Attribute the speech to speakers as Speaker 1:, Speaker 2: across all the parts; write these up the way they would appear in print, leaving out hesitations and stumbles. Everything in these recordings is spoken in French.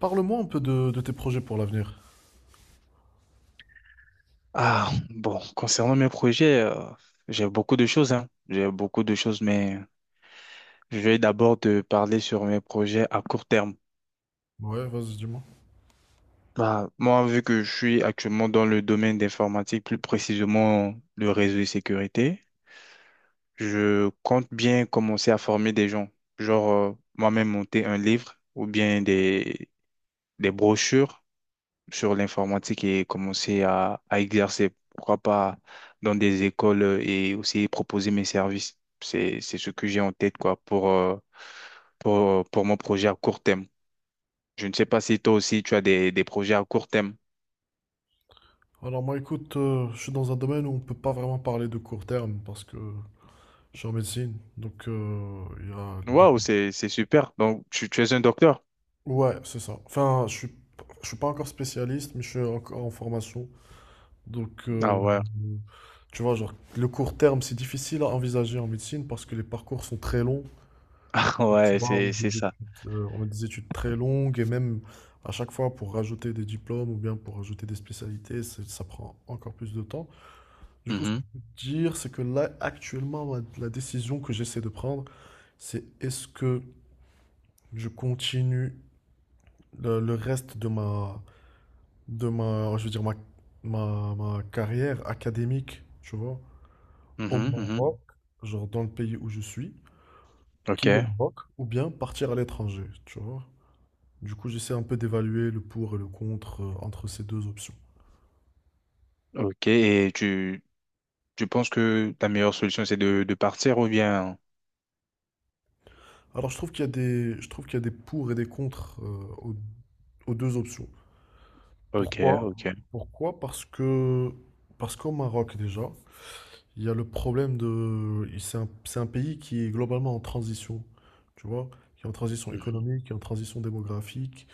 Speaker 1: Parle-moi un peu de tes projets pour l'avenir.
Speaker 2: Ah, bon, concernant mes projets, j'ai beaucoup de choses, hein. J'ai beaucoup de choses, mais je vais d'abord te parler sur mes projets à court terme.
Speaker 1: Ouais, vas-y, dis-moi.
Speaker 2: Bah, moi, vu que je suis actuellement dans le domaine d'informatique, plus précisément le réseau de sécurité, je compte bien commencer à former des gens. Genre, moi-même monter un livre ou bien des brochures sur l'informatique et commencer à exercer, pourquoi pas dans des écoles et aussi proposer mes services. C'est ce que j'ai en tête, quoi, pour mon projet à court terme. Je ne sais pas si toi aussi tu as des projets à court terme.
Speaker 1: Alors moi, écoute, je suis dans un domaine où on peut pas vraiment parler de court terme parce que je suis en médecine. Donc, il y a...
Speaker 2: Waouh,
Speaker 1: les-
Speaker 2: c'est super. Donc, tu es un docteur?
Speaker 1: Ouais, c'est ça. Enfin, je suis pas encore spécialiste, mais je suis encore en formation. Donc,
Speaker 2: Ah ouais,
Speaker 1: tu vois, genre, le court terme, c'est difficile à envisager en médecine parce que les parcours sont très longs. Donc, tu
Speaker 2: ouais,
Speaker 1: vois, on a
Speaker 2: c'est
Speaker 1: des
Speaker 2: ça.
Speaker 1: études, très longues. Et même à chaque fois pour rajouter des diplômes ou bien pour rajouter des spécialités, ça prend encore plus de temps. Du coup, ce que
Speaker 2: Mhm,
Speaker 1: je peux te dire, c'est que là, actuellement, la décision que j'essaie de prendre, c'est: est-ce que je continue le reste de ma, je veux dire, ma carrière académique, tu vois, au
Speaker 2: mhm, mhm.
Speaker 1: Maroc, genre dans le pays où je suis, qui
Speaker 2: Ok,
Speaker 1: est le Maroc, ou bien partir à l'étranger, tu vois. Du coup, j'essaie un peu d'évaluer le pour et le contre, entre ces deux options.
Speaker 2: ok. Et tu penses que ta meilleure solution, c'est de partir ou bien...
Speaker 1: Alors, je trouve qu'il y a des pour et des contre, aux, aux deux options.
Speaker 2: Ok,
Speaker 1: Pourquoi?
Speaker 2: ok.
Speaker 1: Pourquoi? Parce qu'au Maroc, déjà, il y a le problème de, c'est un pays qui est globalement en transition, tu vois, qui est en transition
Speaker 2: Mhm.
Speaker 1: économique, qui est en transition démographique,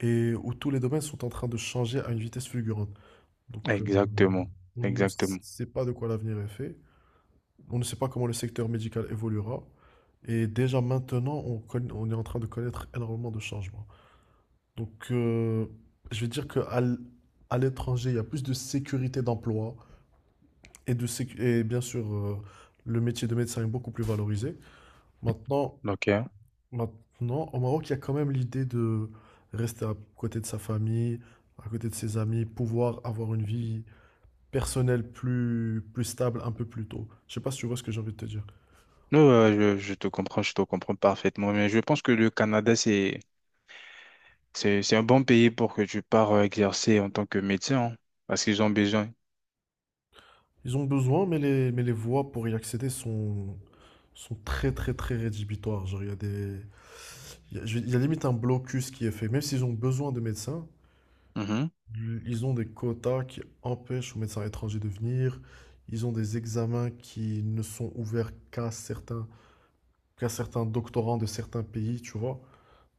Speaker 1: et où tous les domaines sont en train de changer à une vitesse fulgurante. Donc,
Speaker 2: Exactement,
Speaker 1: on ne
Speaker 2: exactement.
Speaker 1: sait pas de quoi l'avenir est fait. On ne sait pas comment le secteur médical évoluera. Et déjà maintenant, on est en train de connaître énormément de changements. Donc, je vais dire qu'à à l'étranger, il y a plus de sécurité d'emploi, et et bien sûr, le métier de médecin est beaucoup plus valorisé. Maintenant,
Speaker 2: Ok.
Speaker 1: au Maroc, il y a quand même l'idée de rester à côté de sa famille, à côté de ses amis, pouvoir avoir une vie personnelle plus stable un peu plus tôt. Je sais pas si tu vois ce que j'ai envie de te dire.
Speaker 2: Non, je te comprends parfaitement. Mais je pense que le Canada, c'est un bon pays pour que tu pars exercer en tant que médecin, hein, parce qu'ils ont besoin.
Speaker 1: Ils ont besoin, mais les voies pour y accéder sont très, très, très rédhibitoires. Genre, il y a des, il y a, je- il y a limite un blocus qui est fait. Même s'ils ont besoin de médecins,
Speaker 2: Mhm.
Speaker 1: ils ont des quotas qui empêchent aux médecins étrangers de venir. Ils ont des examens qui ne sont ouverts qu'à certains doctorants de certains pays, tu vois.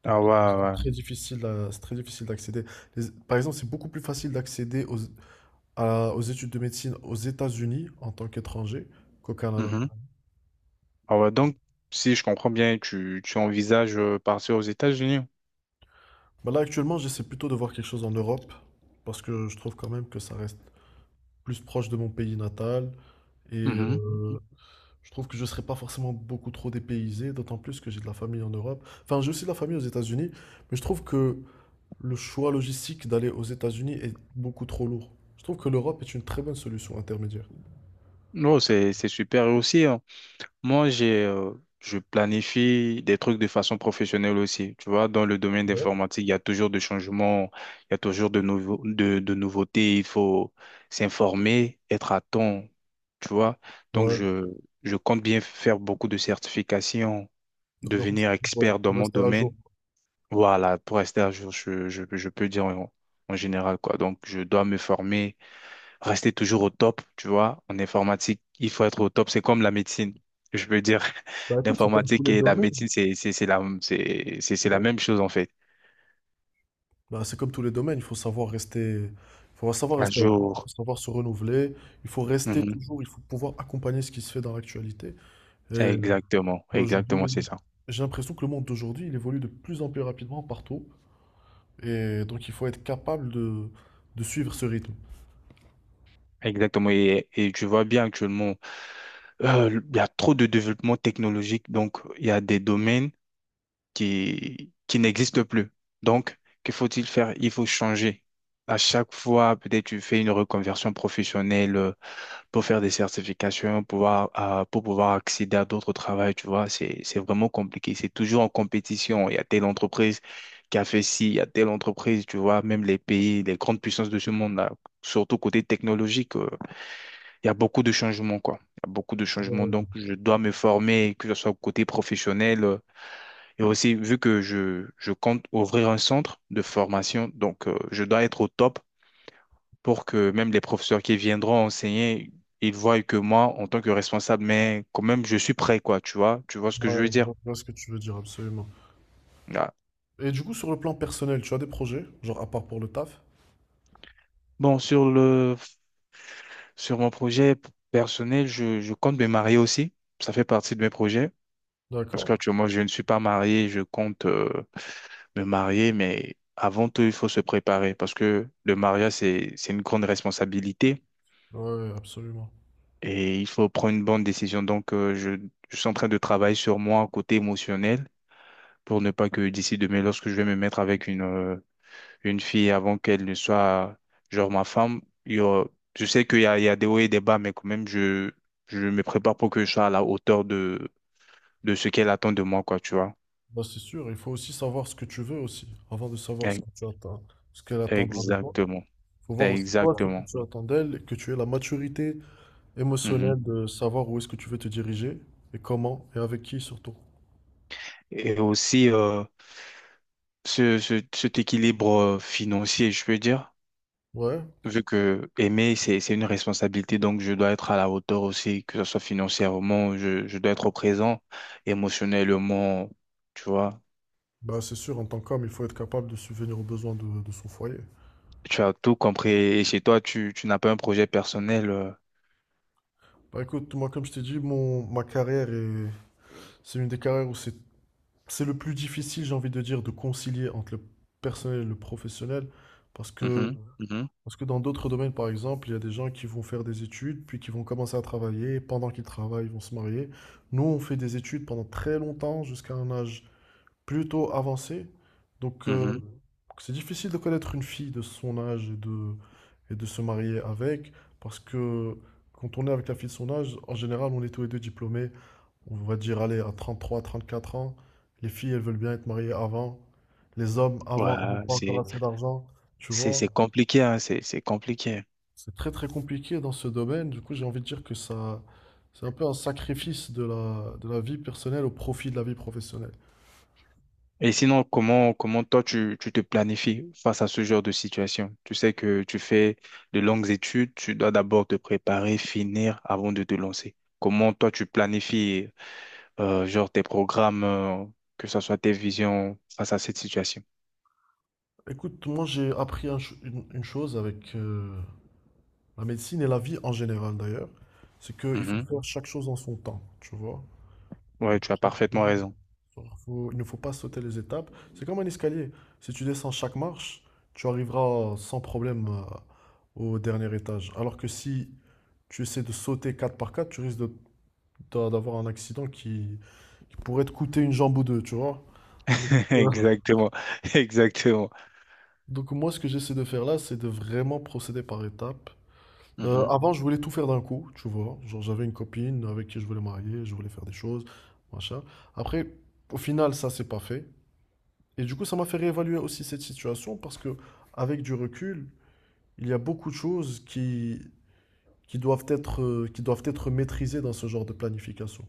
Speaker 1: Donc,
Speaker 2: Ah ouais, ouais.
Speaker 1: c'est très difficile d'accéder. Par exemple, c'est beaucoup plus facile d'accéder aux études de médecine aux États-Unis en tant qu'étranger qu'au Canada.
Speaker 2: Mhm. Ah ouais. Donc, si je comprends bien, tu envisages partir aux États-Unis.
Speaker 1: Bah là, actuellement, j'essaie plutôt de voir quelque chose en Europe, parce que je trouve quand même que ça reste plus proche de mon pays natal, et
Speaker 2: Mhm. Mhm.
Speaker 1: je trouve que je ne serais pas forcément beaucoup trop dépaysé, d'autant plus que j'ai de la famille en Europe. Enfin, j'ai aussi de la famille aux États-Unis, mais je trouve que le choix logistique d'aller aux États-Unis est beaucoup trop lourd. Je trouve que l'Europe est une très bonne solution intermédiaire.
Speaker 2: Non, c'est super. Et aussi, hein. Moi, je planifie des trucs de façon professionnelle aussi. Tu vois, dans le domaine
Speaker 1: Ouais,
Speaker 2: d'informatique, il y a toujours des changements, il y a toujours de nouveaux, de nouveautés. Il faut s'informer, être à temps. Tu vois, donc
Speaker 1: ouais.
Speaker 2: je, je compte bien faire beaucoup de certifications,
Speaker 1: Donc, en fait,
Speaker 2: devenir
Speaker 1: c'est pour,
Speaker 2: expert dans
Speaker 1: pour
Speaker 2: mon
Speaker 1: rester à jour.
Speaker 2: domaine. Voilà, pour rester à jour, je peux dire en général quoi. Donc, je dois me former rester toujours au top, tu vois. En informatique, il faut être au top. C'est comme la médecine. Je veux dire,
Speaker 1: Bah écoute, c'est dans tous
Speaker 2: l'informatique
Speaker 1: les
Speaker 2: et la
Speaker 1: domaines.
Speaker 2: médecine, c'est la même chose, en fait.
Speaker 1: Bah, c'est comme tous les domaines, il faut savoir rester, il faut savoir
Speaker 2: Un
Speaker 1: rester, il faut
Speaker 2: jour.
Speaker 1: savoir se renouveler, il faut rester
Speaker 2: Mhm.
Speaker 1: toujours, il faut pouvoir accompagner ce qui se fait dans l'actualité. Et
Speaker 2: Exactement. Exactement,
Speaker 1: aujourd'hui,
Speaker 2: c'est ça.
Speaker 1: j'ai l'impression que le monde d'aujourd'hui, il évolue de plus en plus rapidement partout, et donc il faut être capable de suivre ce rythme.
Speaker 2: Exactement. Et tu vois bien actuellement, il y a trop de développement technologique. Donc, il y a des domaines qui n'existent plus. Donc, que faut-il faire? Il faut changer. À chaque fois, peut-être tu fais une reconversion professionnelle, pour faire des certifications, pour pouvoir accéder à d'autres travails, tu vois, c'est vraiment compliqué. C'est toujours en compétition. Il y a telle entreprise qui a fait ci, il y a telle entreprise, tu vois, même les pays, les grandes puissances de ce monde-là, surtout côté technologique, il y a beaucoup de changements, quoi. Il y a beaucoup de changements. Donc,
Speaker 1: Ouais,
Speaker 2: je dois me former, que ce soit côté professionnel. Et aussi, vu que je compte ouvrir un centre de formation, donc je dois être au top pour que même les professeurs qui viendront enseigner, ils voient que moi, en tant que responsable, mais quand même, je suis prêt, quoi, tu vois ce que
Speaker 1: ouais,
Speaker 2: je veux dire.
Speaker 1: je vois ce que tu veux dire, absolument.
Speaker 2: Ah.
Speaker 1: Et du coup, sur le plan personnel, tu as des projets, genre à part pour le taf,
Speaker 2: Bon, sur mon projet personnel, je compte me marier aussi. Ça fait partie de mes projets. Parce
Speaker 1: d'accord?
Speaker 2: qu'actuellement, je ne suis pas marié, je compte me marier, mais avant tout, il faut se préparer parce que le mariage, c'est une grande responsabilité
Speaker 1: Ouais, absolument.
Speaker 2: et il faut prendre une bonne décision. Donc, je suis en train de travailler sur moi, côté émotionnel pour ne pas que d'ici demain, lorsque je vais me mettre avec une fille avant qu'elle ne soit, genre, ma femme, je sais qu'il y a, il y a des hauts et des bas, mais quand même, je me prépare pour que je sois à la hauteur de ce qu'elle attend de moi, quoi, tu vois.
Speaker 1: Bah, c'est sûr, il faut aussi savoir ce que tu veux aussi, avant de savoir ce
Speaker 2: E-
Speaker 1: que tu attends, ce qu'elle attendra de toi.
Speaker 2: Exactement.
Speaker 1: Faut voir aussi toi ce que
Speaker 2: Exactement.
Speaker 1: tu attends d'elle, que tu aies la maturité
Speaker 2: Mhm.
Speaker 1: émotionnelle de savoir où est-ce que tu veux te diriger et comment et avec qui surtout.
Speaker 2: Et aussi, cet équilibre financier, je peux dire.
Speaker 1: Ouais,
Speaker 2: Vu que aimer, c'est une responsabilité, donc je dois être à la hauteur aussi, que ce soit financièrement, je dois être présent, émotionnellement, tu vois.
Speaker 1: bah c'est sûr, en tant qu'homme, il faut être capable de subvenir aux besoins de son foyer.
Speaker 2: Tu as tout compris. Et chez toi, tu n'as pas un projet personnel.
Speaker 1: Bah écoute, moi comme je t'ai dit, mon, ma carrière est, c'est une des carrières où c'est le plus difficile, j'ai envie de dire, de concilier entre le personnel et le professionnel, parce que
Speaker 2: Mhm, mhm,
Speaker 1: Parce que dans d'autres domaines, par exemple, il y a des gens qui vont faire des études, puis qui vont commencer à travailler, et pendant qu'ils travaillent, ils vont se marier. Nous, on fait des études pendant très longtemps, jusqu'à un âge plutôt avancé. Donc, mhm.
Speaker 2: mhm.
Speaker 1: C'est difficile de connaître une fille de son âge et de se marier avec. Parce que quand on est avec la fille de son âge, en général, on est tous les deux diplômés. On va dire, allez, à 33, 34 ans, les filles, elles veulent bien être mariées avant. Les hommes,
Speaker 2: Ouais,
Speaker 1: avant, ils n'ont pas encore
Speaker 2: c'est,
Speaker 1: assez d'argent. Tu vois?
Speaker 2: c'est compliqué, hein, c'est compliqué.
Speaker 1: C'est très très compliqué dans ce domaine. Du coup, j'ai envie de dire que ça, c'est un peu un sacrifice de la, vie personnelle au profit de la vie professionnelle.
Speaker 2: Et sinon, comment toi, tu te planifies face à ce genre de situation? Tu sais que tu fais de longues études, tu dois d'abord te préparer, finir avant de te lancer. Comment toi, tu planifies genre tes programmes, que ce soit tes visions face à cette situation.
Speaker 1: Écoute, moi j'ai appris une chose avec la médecine et la vie en général d'ailleurs, c'est qu'il faut
Speaker 2: Mhm,
Speaker 1: faire chaque chose en son temps, tu vois.
Speaker 2: ouais,
Speaker 1: Genre,
Speaker 2: tu as
Speaker 1: chaque
Speaker 2: parfaitement
Speaker 1: chose-
Speaker 2: raison.
Speaker 1: genre, faut- il ne faut pas sauter les étapes. C'est comme un escalier. Si tu descends chaque marche, tu arriveras sans problème au dernier étage. Alors que si tu essaies de sauter 4 par 4, tu risques d'avoir un accident qui pourrait te coûter une jambe ou deux, tu vois. Donc, euh,
Speaker 2: Exactement, exactement,
Speaker 1: donc, moi, ce que j'essaie de faire là, c'est de vraiment procéder par étapes. Euh,
Speaker 2: mhm,
Speaker 1: avant, je voulais tout faire d'un coup, tu vois. Genre, j'avais une copine avec qui je voulais marier, je voulais faire des choses, machin. Après, au final, ça, c'est pas fait. Et du coup, ça m'a fait réévaluer aussi cette situation parce que, avec du recul, il y a beaucoup de choses qui doivent être maîtrisées dans ce genre de planification.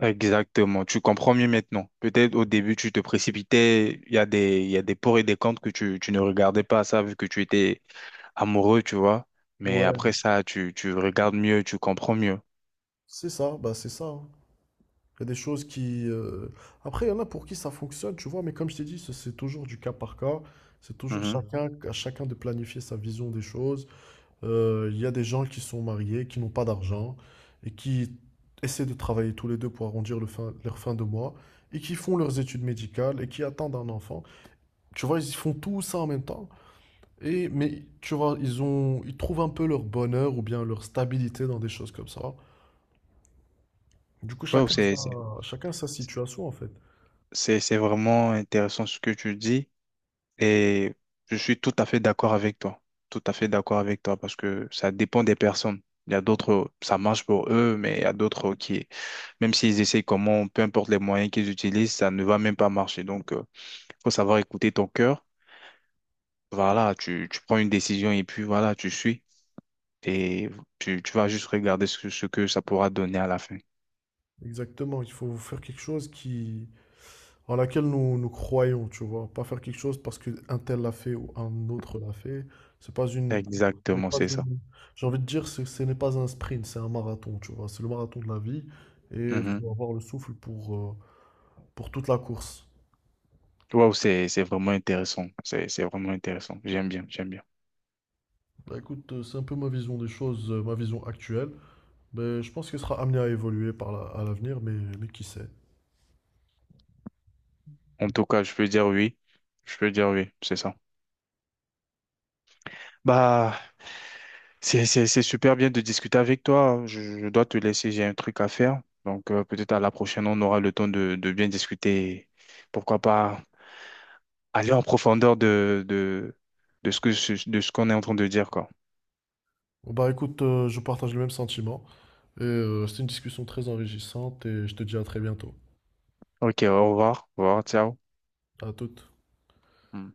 Speaker 2: exactement. Tu comprends mieux maintenant. Peut-être au début, tu te précipitais, il y a des, il y a des pour et des contre que tu ne regardais pas ça vu que tu étais amoureux, tu vois. Mais
Speaker 1: Ouais.
Speaker 2: après ça, tu regardes mieux, tu comprends mieux.
Speaker 1: C'est ça, bah c'est ça, hein. Il y a des choses qui... Après, il y en a pour qui ça fonctionne, tu vois, mais comme je t'ai dit, c'est toujours du cas par cas. C'est toujours
Speaker 2: Mhm.
Speaker 1: chacun, à chacun de planifier sa vision des choses. Il y a des gens qui sont mariés, qui n'ont pas d'argent, et qui essaient de travailler tous les deux pour arrondir leur fin de mois, et qui font leurs études médicales, et qui attendent un enfant. Tu vois, ils font tout ça en même temps. Et, mais tu vois, ils ont, ils trouvent un peu leur bonheur ou bien leur stabilité dans des choses comme ça. Du coup,
Speaker 2: Ouais,
Speaker 1: chacun, chacun sa situation, en fait.
Speaker 2: c'est vraiment intéressant ce que tu dis. Et je suis tout à fait d'accord avec toi. Tout à fait d'accord avec toi parce que ça dépend des personnes. Il y a d'autres, ça marche pour eux, mais il y a d'autres qui, même s'ils essayent comment, peu importe les moyens qu'ils utilisent, ça ne va même pas marcher. Donc, il faut savoir écouter ton cœur. Voilà, tu prends une décision et puis voilà, tu suis. Et tu vas juste regarder ce que ça pourra donner à la fin.
Speaker 1: Exactement, il faut faire quelque chose qui en laquelle nous, nous croyons, tu vois, pas faire quelque chose parce que un tel l'a fait ou un autre l'a fait. C'est pas une, ce n'est
Speaker 2: Exactement,
Speaker 1: pas
Speaker 2: c'est ça.
Speaker 1: une- j'ai envie de dire ce n'est pas un sprint, c'est un marathon, tu vois, c'est le marathon de la vie et il
Speaker 2: Mhm.
Speaker 1: faut avoir le souffle pour toute la course.
Speaker 2: Waouh, c'est vraiment intéressant. C'est vraiment intéressant. J'aime bien, j'aime bien.
Speaker 1: Bah, écoute, c'est un peu ma vision des choses, ma vision actuelle. Mais je pense qu'elle sera amenée à évoluer à l'avenir, mais qui sait.
Speaker 2: En tout cas, je peux dire oui. Je peux dire oui, c'est ça. Bah, c'est super bien de discuter avec toi, hein. Je dois te laisser, j'ai un truc à faire. Donc, peut-être à la prochaine, on aura le temps de bien discuter. Et pourquoi pas aller en profondeur de ce que, de ce qu'on est en train de dire, quoi.
Speaker 1: Bon, bah écoute, je partage le même sentiment et c'était une discussion très enrichissante et je te dis à très bientôt.
Speaker 2: Ok, au revoir. Au revoir, ciao.
Speaker 1: À toutes.
Speaker 2: Hmm.